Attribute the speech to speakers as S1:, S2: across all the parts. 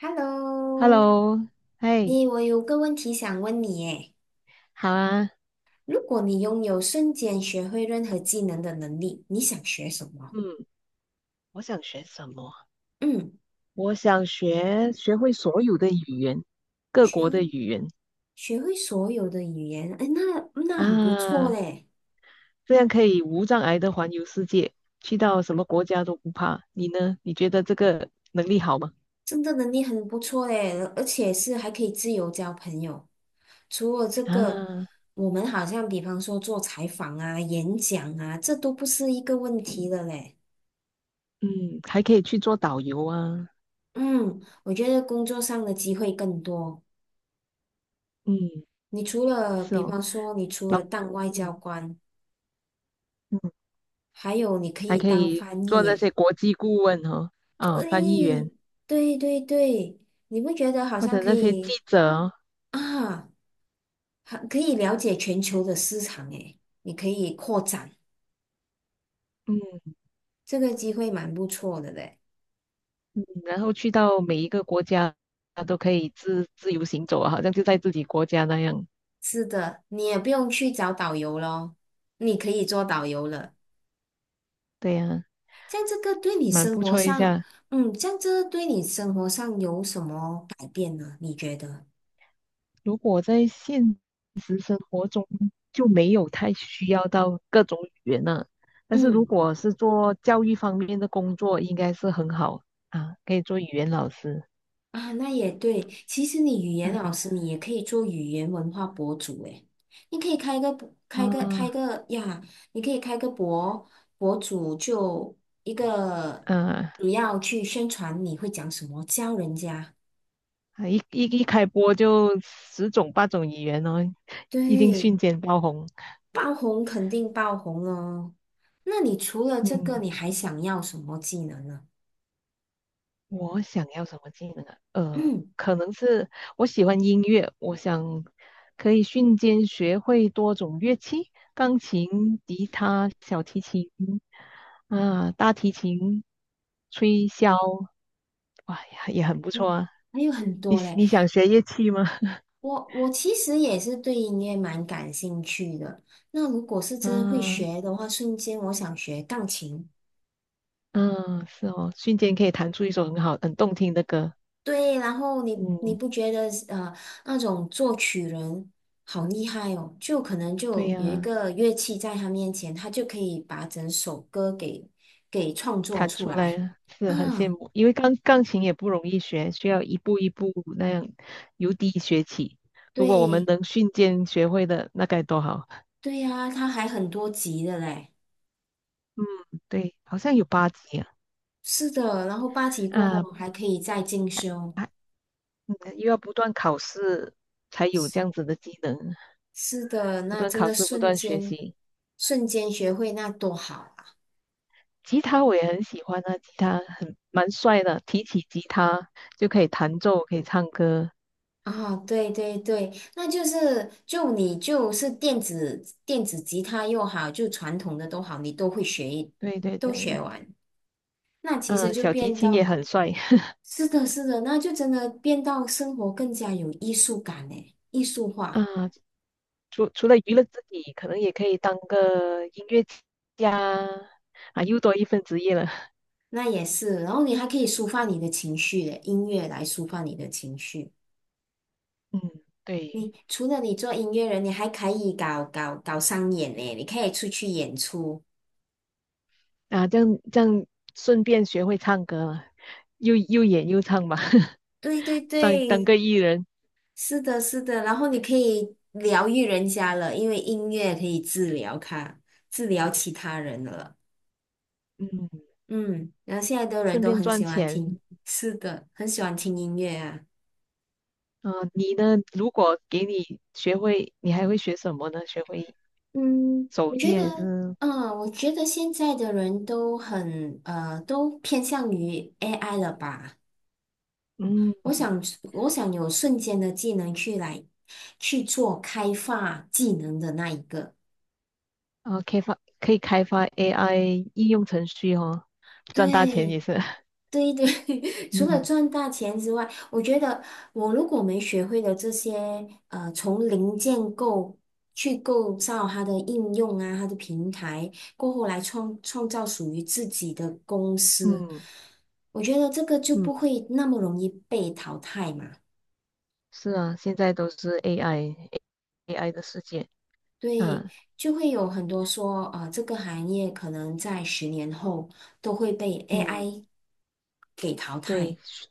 S1: Hello，
S2: Hello，嘿，
S1: 诶，我有个问题想问你，诶，
S2: 好啊，
S1: 如果你拥有瞬间学会任何技能的能力，你想学什么？
S2: 嗯，我想学什么？
S1: 嗯，
S2: 我想学会所有的语言，各
S1: 学
S2: 国的
S1: 会
S2: 语言
S1: 学会所有的语言，诶，那很不错
S2: 啊，
S1: 嘞，
S2: 这样可以无障碍的环游世界，去到什么国家都不怕。你呢？你觉得这个能力好吗？
S1: 真的能力很不错嘞，而且是还可以自由交朋友。除了这个，
S2: 啊，
S1: 我们好像比方说做采访啊、演讲啊，这都不是一个问题了嘞。
S2: 嗯，还可以去做导游啊，
S1: 嗯，我觉得工作上的机会更多。
S2: 嗯，
S1: 你除了，
S2: 是
S1: 比
S2: 哦，
S1: 方说，你除
S2: 老，
S1: 了当外交
S2: 嗯
S1: 官，
S2: 嗯，
S1: 还有你可
S2: 还
S1: 以
S2: 可
S1: 当
S2: 以
S1: 翻译
S2: 做那
S1: 耶。
S2: 些国际顾问哦，啊，翻译员
S1: 对，对对对，你不觉得好
S2: 或
S1: 像
S2: 者
S1: 可
S2: 那些记
S1: 以
S2: 者哦，
S1: 啊，还可以了解全球的市场诶，你可以扩展，这个机会蛮不错的嘞。
S2: 嗯，然后去到每一个国家，他都可以自由行走啊，好像就在自己国家那样。
S1: 是的，你也不用去找导游咯，你可以做导游了。
S2: 对呀，
S1: 像这个对你
S2: 蛮
S1: 生
S2: 不
S1: 活
S2: 错一
S1: 上，
S2: 下。
S1: 嗯，像这对你生活上有什么改变呢？你觉得？
S2: 如果在现实生活中就没有太需要到各种语言了，但是如
S1: 嗯。
S2: 果是做教育方面的工作，应该是很好啊，可以做语言老师。
S1: 啊，那也对。其实你语言老
S2: 嗯
S1: 师，你也可以做语言文化博主诶。你可以开一个博开个开
S2: 啊
S1: 个呀，你可以开个博主，就一个
S2: 嗯，
S1: 主要去宣传你会讲什么，教人家。
S2: 啊一开播就十种八种语言哦，一定
S1: 对，
S2: 瞬间爆红。
S1: 爆红肯定爆红哦。那你除了这个，
S2: 嗯。
S1: 你还想要什么技能呢？
S2: 我想要什么技能啊？
S1: 嗯，
S2: 可能是我喜欢音乐，我想可以瞬间学会多种乐器，钢琴、吉他、小提琴啊，大提琴、吹箫，哇，呀，也很不错
S1: 嗯
S2: 啊。
S1: 还有很
S2: 你
S1: 多嘞。
S2: 你想学乐器吗？
S1: 我其实也是对音乐蛮感兴趣的。那如果是真的会
S2: 嗯
S1: 学的话，瞬间我想学钢琴。
S2: 嗯，是哦，瞬间可以弹出一首很好、很动听的歌。
S1: 对，然后你
S2: 嗯，
S1: 不觉得那种作曲人好厉害哦？就可能
S2: 对
S1: 就有一
S2: 呀、
S1: 个乐器在他面前，他就可以把整首歌给创作
S2: 弹
S1: 出
S2: 出来
S1: 来。
S2: 了是很羡
S1: 啊，
S2: 慕，因为钢琴也不容易学，需要一步一步那样由低学起。如果我们
S1: 对
S2: 能瞬间学会的，那该多好。
S1: 对呀，他还很多级的嘞。
S2: 嗯，对，好像有八级啊，
S1: 是的，然后8级过后
S2: 啊，
S1: 还可以再进
S2: 还
S1: 修。
S2: 还又要不断考试才有这样子的技能，
S1: 是的，
S2: 不
S1: 那
S2: 断
S1: 真
S2: 考
S1: 的
S2: 试，不
S1: 瞬
S2: 断学
S1: 间
S2: 习。
S1: 瞬间学会那多好
S2: 吉他我也很喜欢啊，吉他很蛮帅的，提起吉他就可以弹奏，可以唱歌。
S1: 啊！啊，对对对，那就是你就是电子吉他又好，就传统的都好，你都会学一，
S2: 对对
S1: 都
S2: 对，
S1: 学完，那其实
S2: 嗯、
S1: 就
S2: 小提
S1: 变
S2: 琴也
S1: 到，
S2: 很帅。
S1: 是的，是的，那就真的变到生活更加有艺术感嘞，艺术化，
S2: 啊，除了娱乐自己，可能也可以当个音乐家啊，又多一份职业了。
S1: 那也是，然后你还可以抒发你的情绪的，音乐来抒发你的情绪。
S2: 嗯，对
S1: 你除了你做音乐人，你还可以搞商演呢，你可以出去演出。
S2: 啊，这样顺便学会唱歌了，又演又唱吧，
S1: 对对
S2: 当当
S1: 对，
S2: 个艺人，
S1: 是的，是的。然后你可以疗愈人家了，因为音乐可以治疗他，治疗其他人了。
S2: 嗯，
S1: 嗯，然后现在的人
S2: 顺
S1: 都
S2: 便
S1: 很喜
S2: 赚
S1: 欢
S2: 钱。
S1: 听，是的，很喜欢听音乐啊。
S2: 嗯、你呢？如果给你学会，你还会学什么呢？学会
S1: 嗯，
S2: 手
S1: 我觉
S2: 艺
S1: 得，
S2: 还是
S1: 我觉得现在的人都很都偏向于 AI 了吧。
S2: 嗯，
S1: 我想，我想有瞬间的技能去做开发技能的那一个。
S2: 啊，开发可以开发 AI 应用程序哦，赚大钱
S1: 对，
S2: 也是。
S1: 对对，除
S2: 嗯
S1: 了赚大钱之外，我觉得我如果没学会的这些，从零建构去构造它的应用啊，它的平台，过后来创造属于自己的公司，
S2: 嗯
S1: 我觉得这个就
S2: 嗯。
S1: 不会那么容易被淘汰嘛。
S2: 是啊，现在都是 AI，AI 的世界。
S1: 对，
S2: 啊，
S1: 就会有很多说，这个行业可能在10年后都会被
S2: 嗯，
S1: AI 给淘汰。
S2: 对，学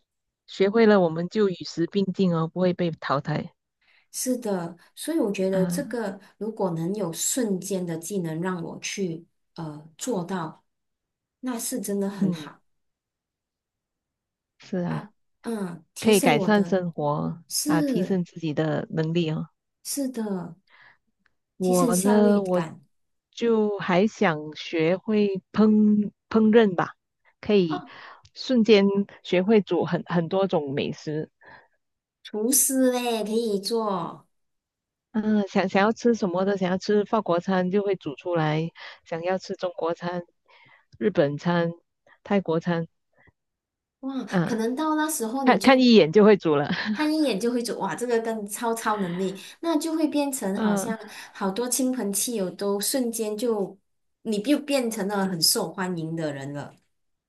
S2: 学会了我们就与时并进哦，不会被淘汰。
S1: 是的，所以我觉得这
S2: 啊，
S1: 个如果能有瞬间的技能让我去做到，那是真的很
S2: 嗯，
S1: 好。
S2: 是啊，
S1: 哈，嗯，
S2: 可
S1: 提
S2: 以
S1: 升
S2: 改
S1: 我
S2: 善
S1: 的，
S2: 生活啊，提
S1: 是
S2: 升自己的能力哦。
S1: 是的，提升
S2: 我
S1: 效率
S2: 呢，我
S1: 感。
S2: 就还想学会烹饪吧，可以
S1: 哦，
S2: 瞬间学会煮很多种美食。
S1: 厨师嘞，可以做。
S2: 嗯，想要吃什么的，想要吃法国餐就会煮出来，想要吃中国餐、日本餐、泰国餐，
S1: 哇，可
S2: 嗯，
S1: 能到那时候你
S2: 看看
S1: 就
S2: 一眼就会煮了。
S1: 他 一眼就会走，哇，这个跟超能力，那就会变成好
S2: 嗯，
S1: 像好多亲朋戚友都瞬间就，你就变成了很受欢迎的人了。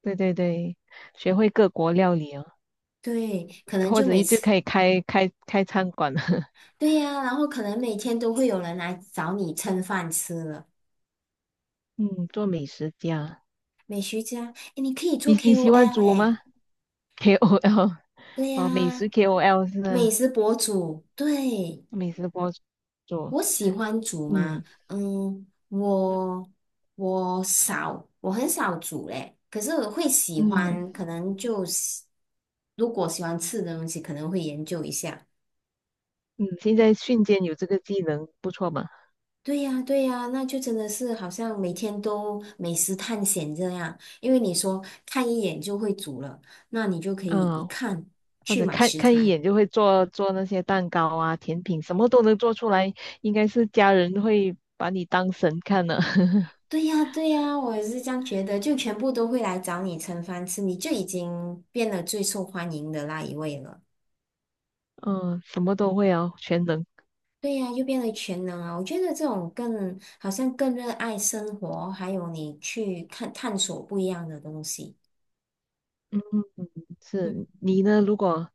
S2: 对对对，学会各国料理哦，
S1: 对，可能
S2: 或
S1: 就
S2: 者
S1: 每
S2: 一就
S1: 次，
S2: 可以开餐馆了。
S1: 对呀、然后可能每天都会有人来找你蹭饭吃了。
S2: 嗯，做美食家，
S1: 美食家，诶，你可以做
S2: 你喜欢
S1: KOL
S2: 煮
S1: 哎，
S2: 吗？KOL
S1: 对
S2: 哦，美食
S1: 呀、
S2: KOL 是
S1: 美
S2: 吗？
S1: 食博主，对。
S2: 美食博主，
S1: 我喜欢煮吗？
S2: 嗯
S1: 嗯，
S2: 嗯
S1: 我很少煮嘞。可是我会喜
S2: 嗯，
S1: 欢，可能就喜如果喜欢吃的东西，可能会研究一下。
S2: 嗯现在瞬间有这个技能，不错嘛。
S1: 对呀，对呀，那就真的是好像每天都美食探险这样。因为你说看一眼就会煮了，那你就可以一
S2: 嗯，
S1: 看
S2: 或
S1: 去
S2: 者
S1: 买
S2: 看
S1: 食
S2: 看一
S1: 材。
S2: 眼就会做那些蛋糕啊、甜品，什么都能做出来，应该是家人会把你当神看的。
S1: 对呀，对呀，我也是这样觉得，就全部都会来找你盛饭吃，你就已经变得最受欢迎的那一位了。
S2: 嗯，什么都会哦，全能。
S1: 对呀，又变为全能啊！我觉得这种更好像更热爱生活，还有你去看探索不一样的东西。嗯
S2: 是你呢？如果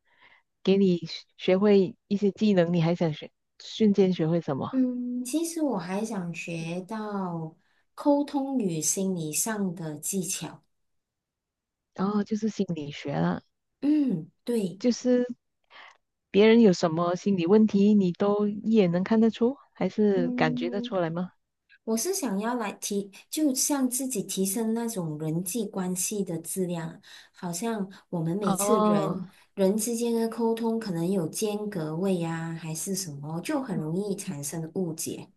S2: 给你学会一些技能，你还想学，瞬间学会什么？
S1: 嗯，其实我还想学到沟通与心理上的技巧。
S2: 然后就是心理学了，
S1: 嗯，对，
S2: 就是别人有什么心理问题，你都一眼能看得出，还是感觉得出
S1: 嗯，
S2: 来吗？
S1: 我是想要就像自己提升那种人际关系的质量，好像我们每次
S2: 哦，
S1: 人之间的沟通可能有间隔位呀、还是什么，就很容
S2: 嗯
S1: 易产生误解。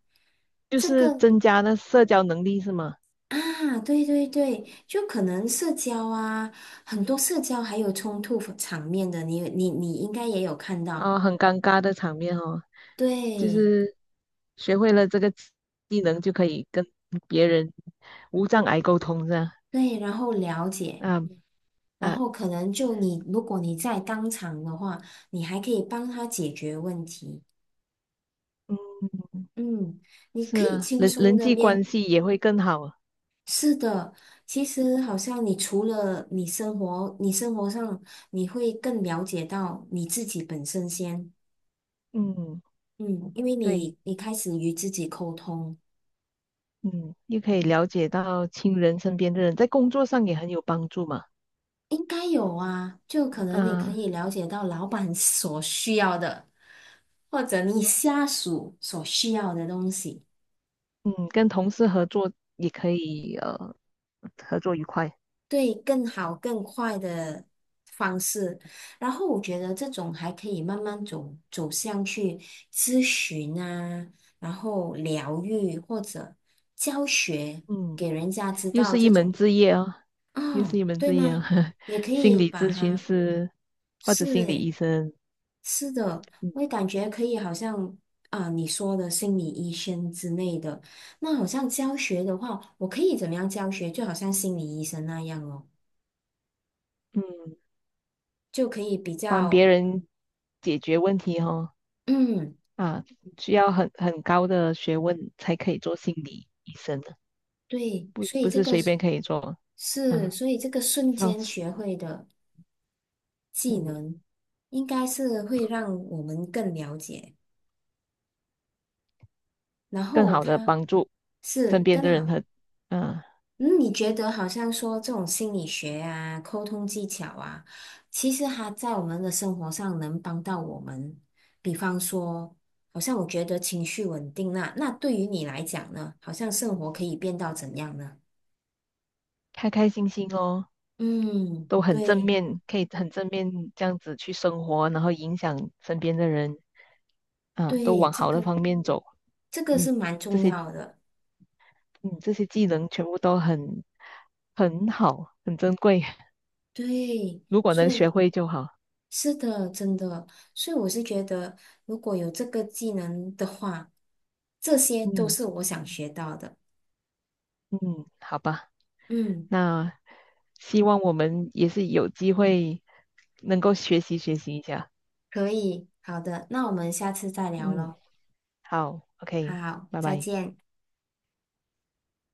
S2: 就
S1: 这
S2: 是
S1: 个
S2: 增加那社交能力是吗？
S1: 啊，对对对，就可能社交啊，很多社交还有冲突场面的，你应该也有看
S2: 啊、
S1: 到，
S2: 很尴尬的场面哦。就
S1: 对
S2: 是学会了这个技能，就可以跟别人无障碍沟通，这样
S1: 对，然后了解。
S2: 啊
S1: 然
S2: 啊，
S1: 后可能就你，如果你在当场的话，你还可以帮他解决问题。
S2: 嗯，
S1: 嗯，你
S2: 是
S1: 可以
S2: 啊，
S1: 轻
S2: 人
S1: 松
S2: 人
S1: 的
S2: 际
S1: 面。
S2: 关系也会更好啊
S1: 是的，其实好像你除了你生活，你生活上你会更了解到你自己本身先。
S2: 嗯，
S1: 嗯，因为
S2: 对，
S1: 你开始与自己沟通，
S2: 嗯，又可以了解到亲人身边的人，在工作上也很有帮助嘛。
S1: 应该有啊，就可能你可
S2: 嗯、
S1: 以了解到老板 所需要的，或者你下属所需要的东西。
S2: 嗯，跟同事合作也可以合作愉快。
S1: 对更好更快的方式，然后我觉得这种还可以慢慢走向去咨询啊，然后疗愈或者教学，给
S2: 嗯。
S1: 人家知
S2: 又
S1: 道
S2: 是
S1: 这
S2: 一
S1: 种
S2: 门职业哦，又是
S1: 哦，
S2: 一门
S1: 对
S2: 职业哦。
S1: 吗？也可
S2: 心
S1: 以
S2: 理
S1: 把
S2: 咨询
S1: 它
S2: 师或者
S1: 是
S2: 心理
S1: 诶，
S2: 医生，
S1: 是的，
S2: 嗯
S1: 我也感觉可以，好像啊你说的心理医生之类的，那好像教学的话，我可以怎么样教学？就好像心理医生那样哦。
S2: 嗯，
S1: 就可以比
S2: 帮别
S1: 较
S2: 人解决问题哦，
S1: 嗯，
S2: 啊，需要很高的学问才可以做心理医生的，
S1: 对，
S2: 不
S1: 所以
S2: 不
S1: 这
S2: 是
S1: 个
S2: 随
S1: 是，
S2: 便可以做
S1: 是
S2: 啊。
S1: 所以这个瞬
S2: 要
S1: 间
S2: 是
S1: 学会的技
S2: 嗯，
S1: 能，应该是会让我们更了解，然
S2: 更
S1: 后
S2: 好的
S1: 它
S2: 帮助身
S1: 是
S2: 边
S1: 更
S2: 的人
S1: 好。
S2: 和嗯，
S1: 嗯，你觉得好像说这种心理学啊、沟通技巧啊，其实它在我们的生活上能帮到我们。比方说，好像我觉得情绪稳定那对于你来讲呢，好像生活可以变到怎样呢？
S2: 开开心心哦。
S1: 嗯，
S2: 都很正
S1: 对。
S2: 面，可以很正面这样子去生活，然后影响身边的人，啊，都
S1: 对，
S2: 往好的方面走。
S1: 这个是
S2: 嗯，
S1: 蛮
S2: 这
S1: 重
S2: 些
S1: 要的，
S2: 技能全部都很很好，很珍贵，
S1: 对，
S2: 如果
S1: 所
S2: 能学
S1: 以
S2: 会就好。
S1: 是的，真的，所以我是觉得，如果有这个技能的话，这些都
S2: 嗯
S1: 是我想学到的。
S2: 嗯，好吧，
S1: 嗯，
S2: 那希望我们也是有机会能够学习学习一下。
S1: 可以，好的，那我们下次再聊
S2: 嗯，
S1: 喽。
S2: 好，OK，
S1: 好，
S2: 拜
S1: 再
S2: 拜。
S1: 见。